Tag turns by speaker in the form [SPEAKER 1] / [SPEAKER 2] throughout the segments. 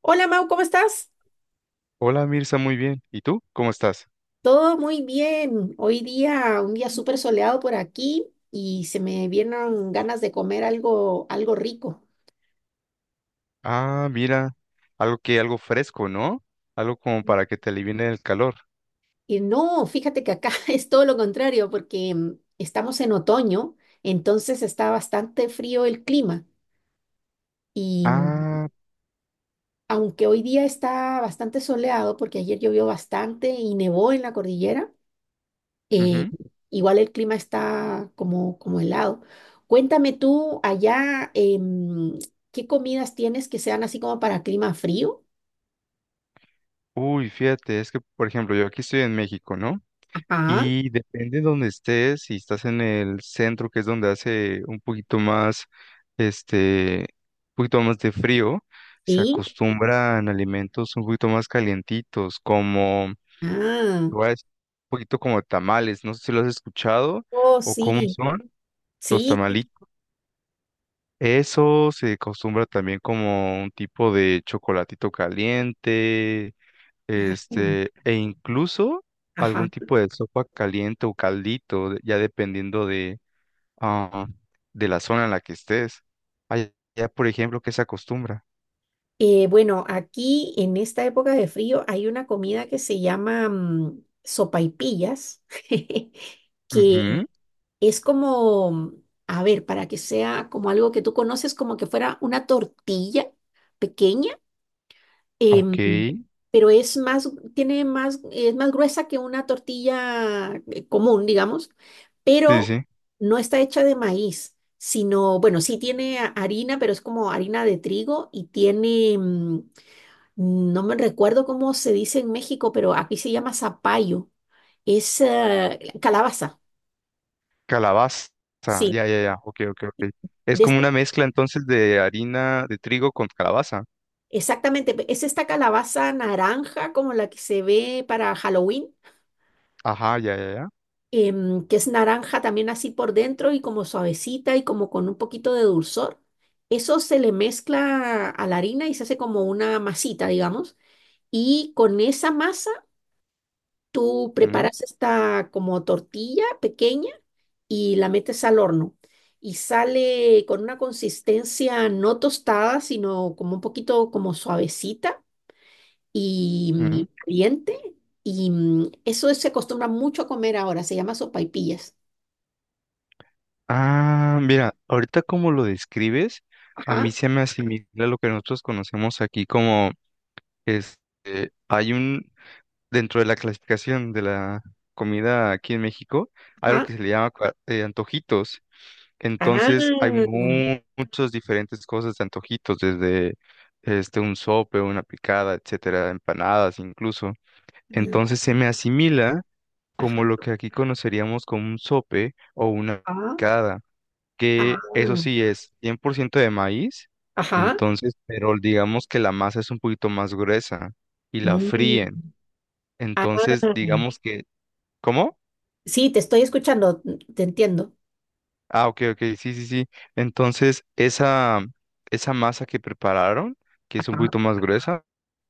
[SPEAKER 1] Hola Mau, ¿cómo estás?
[SPEAKER 2] Hola Mirza, muy bien. ¿Y tú? ¿Cómo estás?
[SPEAKER 1] Todo muy bien. Hoy día, un día súper soleado por aquí y se me vieron ganas de comer algo, algo rico.
[SPEAKER 2] Ah, mira, algo fresco, ¿no? Algo como para que te alivine el calor.
[SPEAKER 1] Y no, fíjate que acá es todo lo contrario porque estamos en otoño, entonces está bastante frío el clima. Y mm,
[SPEAKER 2] Ah,
[SPEAKER 1] Aunque hoy día está bastante soleado porque ayer llovió bastante y nevó en la cordillera. Eh,
[SPEAKER 2] ujú.
[SPEAKER 1] Igual el clima está como helado. Cuéntame tú allá. ¿Qué comidas tienes que sean así como para clima frío?
[SPEAKER 2] Uy, fíjate, es que por ejemplo, yo aquí estoy en México, ¿no?
[SPEAKER 1] Ajá,
[SPEAKER 2] Y depende de donde estés, si estás en el centro, que es donde hace este, un poquito más de frío, se
[SPEAKER 1] sí.
[SPEAKER 2] acostumbran alimentos un poquito más calientitos, como,
[SPEAKER 1] Ah,
[SPEAKER 2] te voy a decir, un poquito como tamales, no sé si lo has escuchado
[SPEAKER 1] oh,
[SPEAKER 2] o cómo
[SPEAKER 1] sí.
[SPEAKER 2] son. Los
[SPEAKER 1] Sí, sí,
[SPEAKER 2] tamalitos. Eso se acostumbra también como un tipo de chocolatito caliente,
[SPEAKER 1] sí,
[SPEAKER 2] e incluso
[SPEAKER 1] ajá,
[SPEAKER 2] algún
[SPEAKER 1] ajá.
[SPEAKER 2] tipo de sopa caliente o caldito, ya dependiendo ah, de la zona en la que estés. Allá, por ejemplo, ¿que se acostumbra?
[SPEAKER 1] Bueno, aquí en esta época de frío hay una comida que se llama sopaipillas, que
[SPEAKER 2] Ujú.
[SPEAKER 1] es como, a ver, para que sea como algo que tú conoces, como que fuera una tortilla pequeña.
[SPEAKER 2] Ok.
[SPEAKER 1] em,
[SPEAKER 2] Sí,
[SPEAKER 1] pero es más, tiene más, es más gruesa que una tortilla común, digamos,
[SPEAKER 2] sí.
[SPEAKER 1] pero
[SPEAKER 2] Sí.
[SPEAKER 1] no está hecha de maíz, sino, bueno, sí tiene harina, pero es como harina de trigo y tiene, no me recuerdo cómo se dice en México, pero aquí se llama zapallo, es calabaza,
[SPEAKER 2] Calabaza.
[SPEAKER 1] sí.
[SPEAKER 2] Ya, ya, ya. Ok, ok, ok. Es
[SPEAKER 1] De
[SPEAKER 2] como una mezcla entonces de harina de trigo con calabaza.
[SPEAKER 1] Exactamente, es esta calabaza naranja como la que se ve para Halloween,
[SPEAKER 2] Ajá, ya, ya, ya.
[SPEAKER 1] que es naranja también así por dentro y como suavecita y como con un poquito de dulzor. Eso se le mezcla a la harina y se hace como una masita, digamos. Y con esa masa tú
[SPEAKER 2] Ujú,
[SPEAKER 1] preparas esta como tortilla pequeña y la metes al horno. Y sale con una consistencia no tostada, sino como un poquito como suavecita y
[SPEAKER 2] ujú.
[SPEAKER 1] caliente. Y eso se acostumbra mucho a comer ahora, se llama sopaipillas.
[SPEAKER 2] Ah, mira, ahorita como lo describes, a mí
[SPEAKER 1] Ajá,
[SPEAKER 2] se me asimila lo que nosotros conocemos aquí como este, hay un, dentro de la clasificación de la comida aquí en México, hay algo
[SPEAKER 1] ajá,
[SPEAKER 2] que se le llama antojitos.
[SPEAKER 1] ah,
[SPEAKER 2] Entonces hay muchas diferentes cosas de antojitos, desde un sope, una picada, etcétera, empanadas incluso.
[SPEAKER 1] mm,
[SPEAKER 2] Entonces se me asimila como lo
[SPEAKER 1] ajá,
[SPEAKER 2] que aquí conoceríamos como un sope o una
[SPEAKER 1] ah,
[SPEAKER 2] picada, que eso
[SPEAKER 1] ah,
[SPEAKER 2] sí es 100% de maíz,
[SPEAKER 1] ajá,
[SPEAKER 2] entonces, pero digamos que la masa es un poquito más gruesa y la
[SPEAKER 1] mm,
[SPEAKER 2] fríen.
[SPEAKER 1] ah.
[SPEAKER 2] Entonces, digamos que, ¿cómo?
[SPEAKER 1] Sí, te estoy escuchando, te entiendo.
[SPEAKER 2] Ah, ok, ok, sí, sí, sí. Entonces, esa masa que prepararon, que es un
[SPEAKER 1] Ajá,
[SPEAKER 2] poquito más gruesa,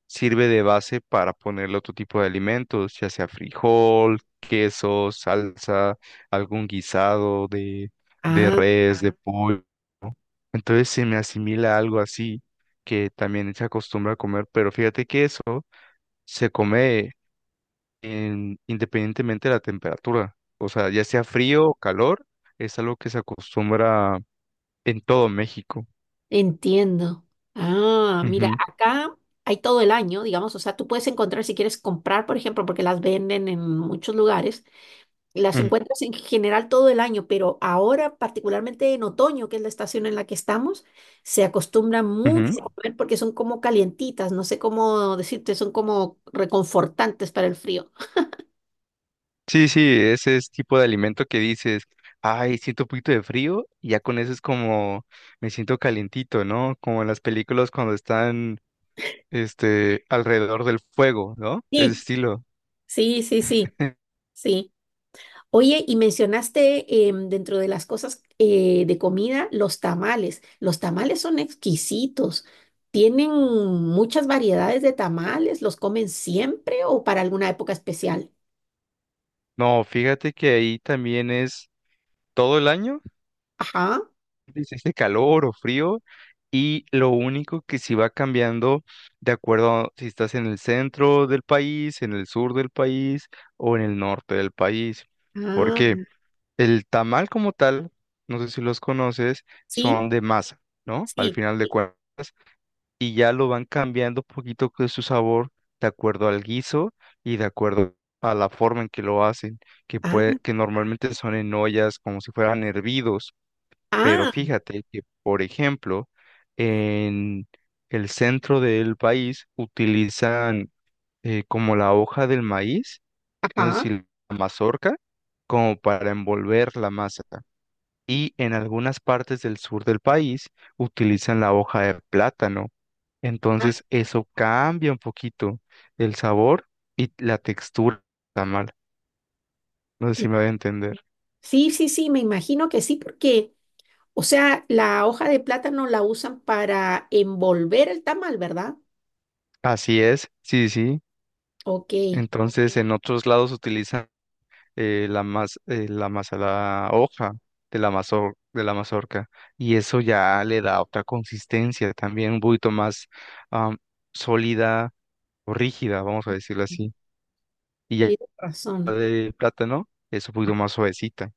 [SPEAKER 2] sirve de base para ponerle otro tipo de alimentos, ya sea frijol, queso, salsa, algún guisado de
[SPEAKER 1] ah,
[SPEAKER 2] res, de, claro, pollo, ¿no? Entonces se me asimila algo así, que también se acostumbra a comer, pero fíjate que eso se come independientemente de la temperatura. O sea, ya sea frío o calor, es algo que se acostumbra en todo México.
[SPEAKER 1] entiendo. Ah, mira,
[SPEAKER 2] Ujú,
[SPEAKER 1] acá hay todo el año, digamos, o sea, tú puedes encontrar si quieres comprar, por ejemplo, porque las venden en muchos lugares. Las
[SPEAKER 2] ujú,
[SPEAKER 1] encuentras en general todo el año, pero ahora, particularmente en otoño, que es la estación en la que estamos, se acostumbran mucho
[SPEAKER 2] ujú.
[SPEAKER 1] a comer porque son como calientitas, no sé cómo decirte, son como reconfortantes para el frío.
[SPEAKER 2] Sí, sí, ese es tipo de alimento que dices, ay, siento un poquito de frío y ya con eso es como me siento calientito, ¿no? Como en las películas cuando están, alrededor del fuego, ¿no? De ese
[SPEAKER 1] Sí,
[SPEAKER 2] estilo.
[SPEAKER 1] sí, sí, sí, sí. Oye, y mencionaste dentro de las cosas de comida, los tamales. Los tamales son exquisitos. ¿Tienen muchas variedades de tamales? ¿Los comen siempre o para alguna época especial?
[SPEAKER 2] No, fíjate que ahí también es todo el año,
[SPEAKER 1] Ajá.
[SPEAKER 2] dice este calor o frío, y lo único que sí va cambiando de acuerdo a si estás en el centro del país, en el sur del país o en el norte del país. ¿Por
[SPEAKER 1] Ah.
[SPEAKER 2] qué? El tamal como tal, no sé si los conoces,
[SPEAKER 1] Sí,
[SPEAKER 2] son de masa, ¿no? Al
[SPEAKER 1] sí,
[SPEAKER 2] final de
[SPEAKER 1] sí.
[SPEAKER 2] cuentas, y ya lo van cambiando poquito de su sabor de acuerdo al guiso y de acuerdo a la forma en que lo hacen, que
[SPEAKER 1] Ah,
[SPEAKER 2] puede, que normalmente son en ollas como si fueran hervidos, pero
[SPEAKER 1] ah,
[SPEAKER 2] fíjate que, por ejemplo, en el centro del país utilizan como la hoja del maíz, no sé
[SPEAKER 1] ajá,
[SPEAKER 2] si la mazorca, como para envolver la masa, y en algunas partes del sur del país utilizan la hoja de plátano.
[SPEAKER 1] ah,
[SPEAKER 2] Entonces eso cambia un poquito el sabor y la textura del tamal. No sé si
[SPEAKER 1] ti-
[SPEAKER 2] me voy a entender.
[SPEAKER 1] sí, sí, sí, me imagino que sí, porque, o sea, la hoja de plátano la usan para envolver el tamal, ¿verdad?
[SPEAKER 2] Así es, sí, sí.
[SPEAKER 1] Ok,
[SPEAKER 2] Entonces en otros lados utilizan la hoja de la mazorca, y eso ya le da otra consistencia también un poquito más am, sólida o rígida, vamos a decirlo así. Y ya
[SPEAKER 1] tienes razón.
[SPEAKER 2] de plátano es un poquito más suavecita.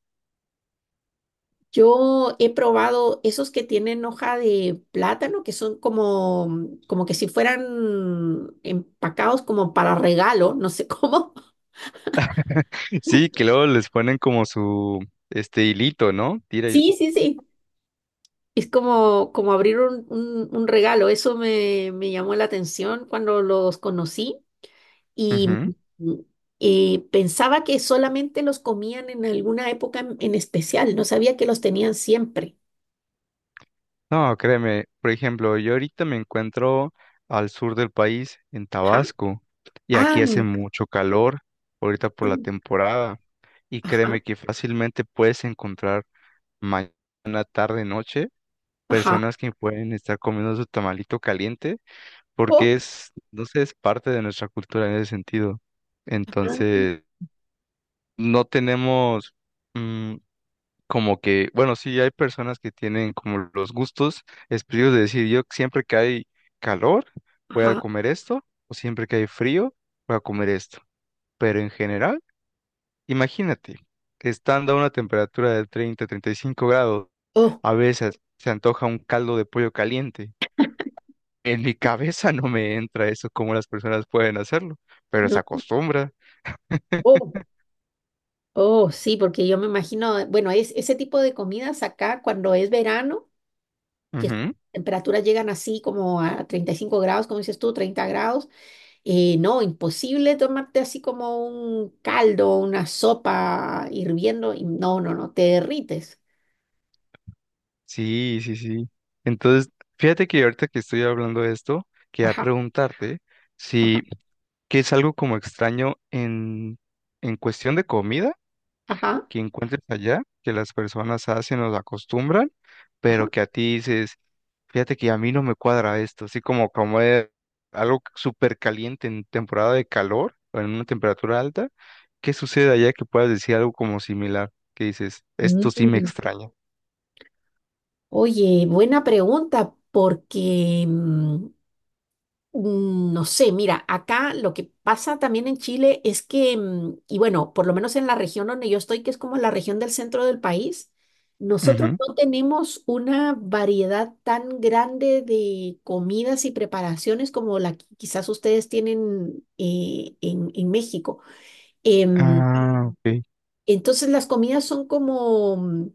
[SPEAKER 1] Yo he probado esos que tienen hoja de plátano, que son como, como que si fueran empacados como para regalo, no sé cómo.
[SPEAKER 2] Sí, que luego les ponen como su, este hilito, ¿no? Tira y.
[SPEAKER 1] Sí, sí, sí. Es como, como abrir un regalo. Eso me llamó la atención cuando los conocí y,
[SPEAKER 2] Ujú.
[SPEAKER 1] y pensaba que solamente los comían en alguna época en especial. No sabía que los tenían siempre.
[SPEAKER 2] No, créeme, por ejemplo, yo ahorita me encuentro al sur del país, en
[SPEAKER 1] Ajá.
[SPEAKER 2] Tabasco, y
[SPEAKER 1] Ah,
[SPEAKER 2] aquí hace mucho calor, ahorita por la temporada, y
[SPEAKER 1] ajá,
[SPEAKER 2] créeme que fácilmente puedes encontrar mañana, tarde, noche,
[SPEAKER 1] ajá.
[SPEAKER 2] personas que pueden estar comiendo su tamalito caliente,
[SPEAKER 1] Oh,
[SPEAKER 2] porque es, no sé, es parte de nuestra cultura en ese sentido.
[SPEAKER 1] ajá,
[SPEAKER 2] Entonces no tenemos mm, como que, bueno, sí hay personas que tienen como los gustos específicos de decir, yo siempre que hay calor voy a
[SPEAKER 1] ajá.
[SPEAKER 2] comer esto, o siempre que hay frío voy a comer esto. Pero en general, imagínate, estando a una temperatura de 30 35 grados,
[SPEAKER 1] Oh,
[SPEAKER 2] a veces se antoja un caldo de pollo caliente. En mi cabeza no me entra eso, cómo las personas pueden hacerlo, pero se
[SPEAKER 1] no.
[SPEAKER 2] acostumbra.
[SPEAKER 1] Oh, oh, sí, porque yo me imagino, bueno, ese tipo de comidas acá cuando es verano, que temperaturas llegan así como a 35 grados, como dices tú, 30 grados. No, imposible tomarte así como un caldo, una sopa hirviendo. No, no, no, te derrites.
[SPEAKER 2] Sí, sí, sí. Entonces, fíjate que ahorita que estoy hablando de esto, quería
[SPEAKER 1] Ajá,
[SPEAKER 2] preguntarte
[SPEAKER 1] ajá,
[SPEAKER 2] si, ¿qué es algo como extraño en cuestión de comida
[SPEAKER 1] ajá,
[SPEAKER 2] que encuentres allá, que las personas hacen o acostumbran,
[SPEAKER 1] ajá.
[SPEAKER 2] pero que a ti dices, fíjate que a mí no me cuadra esto, así como es algo súper caliente en temporada de calor o en una temperatura alta, ¿qué sucede allá que puedas decir algo como similar, que dices, esto sí me
[SPEAKER 1] Mm.
[SPEAKER 2] extraña?
[SPEAKER 1] Oye, buena pregunta, porque no sé, mira, acá lo que pasa también en Chile es que, y bueno, por lo menos en la región donde yo estoy, que es como la región del centro del país, nosotros
[SPEAKER 2] Ujú.
[SPEAKER 1] no tenemos una variedad tan grande de comidas y preparaciones como la que quizás ustedes tienen en México. Em,
[SPEAKER 2] Ah, ok.
[SPEAKER 1] entonces las comidas son como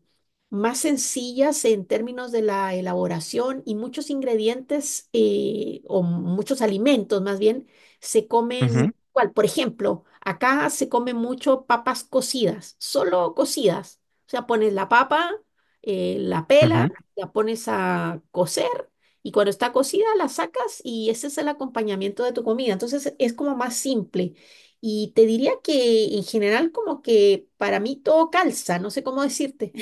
[SPEAKER 1] más sencillas en términos de la elaboración y muchos ingredientes o muchos alimentos más bien se
[SPEAKER 2] Ujú,
[SPEAKER 1] comen igual. Por ejemplo, acá se come mucho papas cocidas, solo cocidas. O sea, pones la papa, la pela,
[SPEAKER 2] ujú.
[SPEAKER 1] la pones a cocer y cuando está cocida la sacas y ese es el acompañamiento de tu comida. Entonces es como más simple. Y te diría que en general como que para mí todo calza, no sé cómo decirte.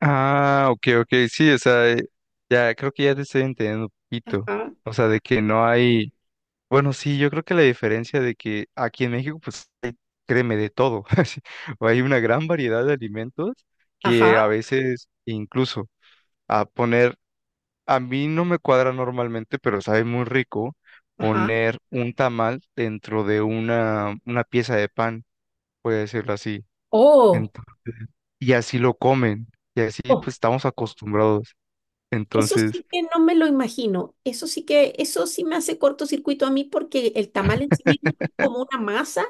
[SPEAKER 2] Ah, ok, ok, sí, o sea, ya creo que ya te estoy entendiendo un poquito.
[SPEAKER 1] Ajá,
[SPEAKER 2] O sea, de que no hay, bueno, sí, yo creo que la diferencia de que aquí en México, pues, hay, créeme, de todo. Así, o hay una gran variedad de alimentos que a
[SPEAKER 1] ajá,
[SPEAKER 2] veces incluso a poner, a mí no me cuadra normalmente, pero sabe muy rico
[SPEAKER 1] ajá.
[SPEAKER 2] poner un tamal dentro de una pieza de pan, voy a decirlo así.
[SPEAKER 1] Oh,
[SPEAKER 2] Entonces, y así lo comen, y así
[SPEAKER 1] oh,
[SPEAKER 2] pues estamos acostumbrados.
[SPEAKER 1] eso
[SPEAKER 2] Entonces,
[SPEAKER 1] sí que no me lo imagino. Eso sí que, eso sí me hace cortocircuito a mí porque el tamal en sí mismo es como una masa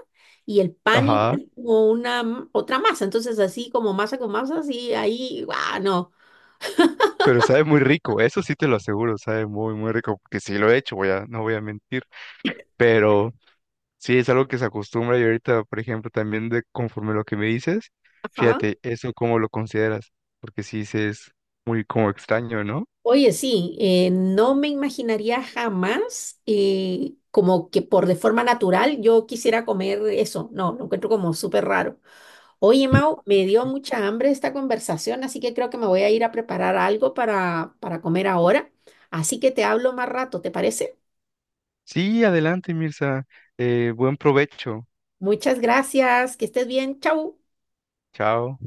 [SPEAKER 1] y el pan igual
[SPEAKER 2] ajá,
[SPEAKER 1] es como una otra masa. Entonces así como masa con masa, así ahí, guau, no.
[SPEAKER 2] pero sabe muy rico, eso sí te lo aseguro, sabe muy, muy rico, porque sí lo he hecho, no voy a mentir, pero sí es algo que se acostumbra y ahorita, por ejemplo, también de conforme lo que me dices,
[SPEAKER 1] Ajá.
[SPEAKER 2] fíjate, eso cómo lo consideras, porque sí se es muy como extraño, ¿no?
[SPEAKER 1] Oye, sí, no me imaginaría jamás como que por de forma natural yo quisiera comer eso. No, lo encuentro como súper raro. Oye, Mau, me dio mucha hambre esta conversación, así que creo que me voy a ir a preparar algo para comer ahora. Así que te hablo más rato, ¿te parece?
[SPEAKER 2] Sí, adelante, Mirza, buen provecho,
[SPEAKER 1] Muchas gracias, que estés bien, chau.
[SPEAKER 2] chao.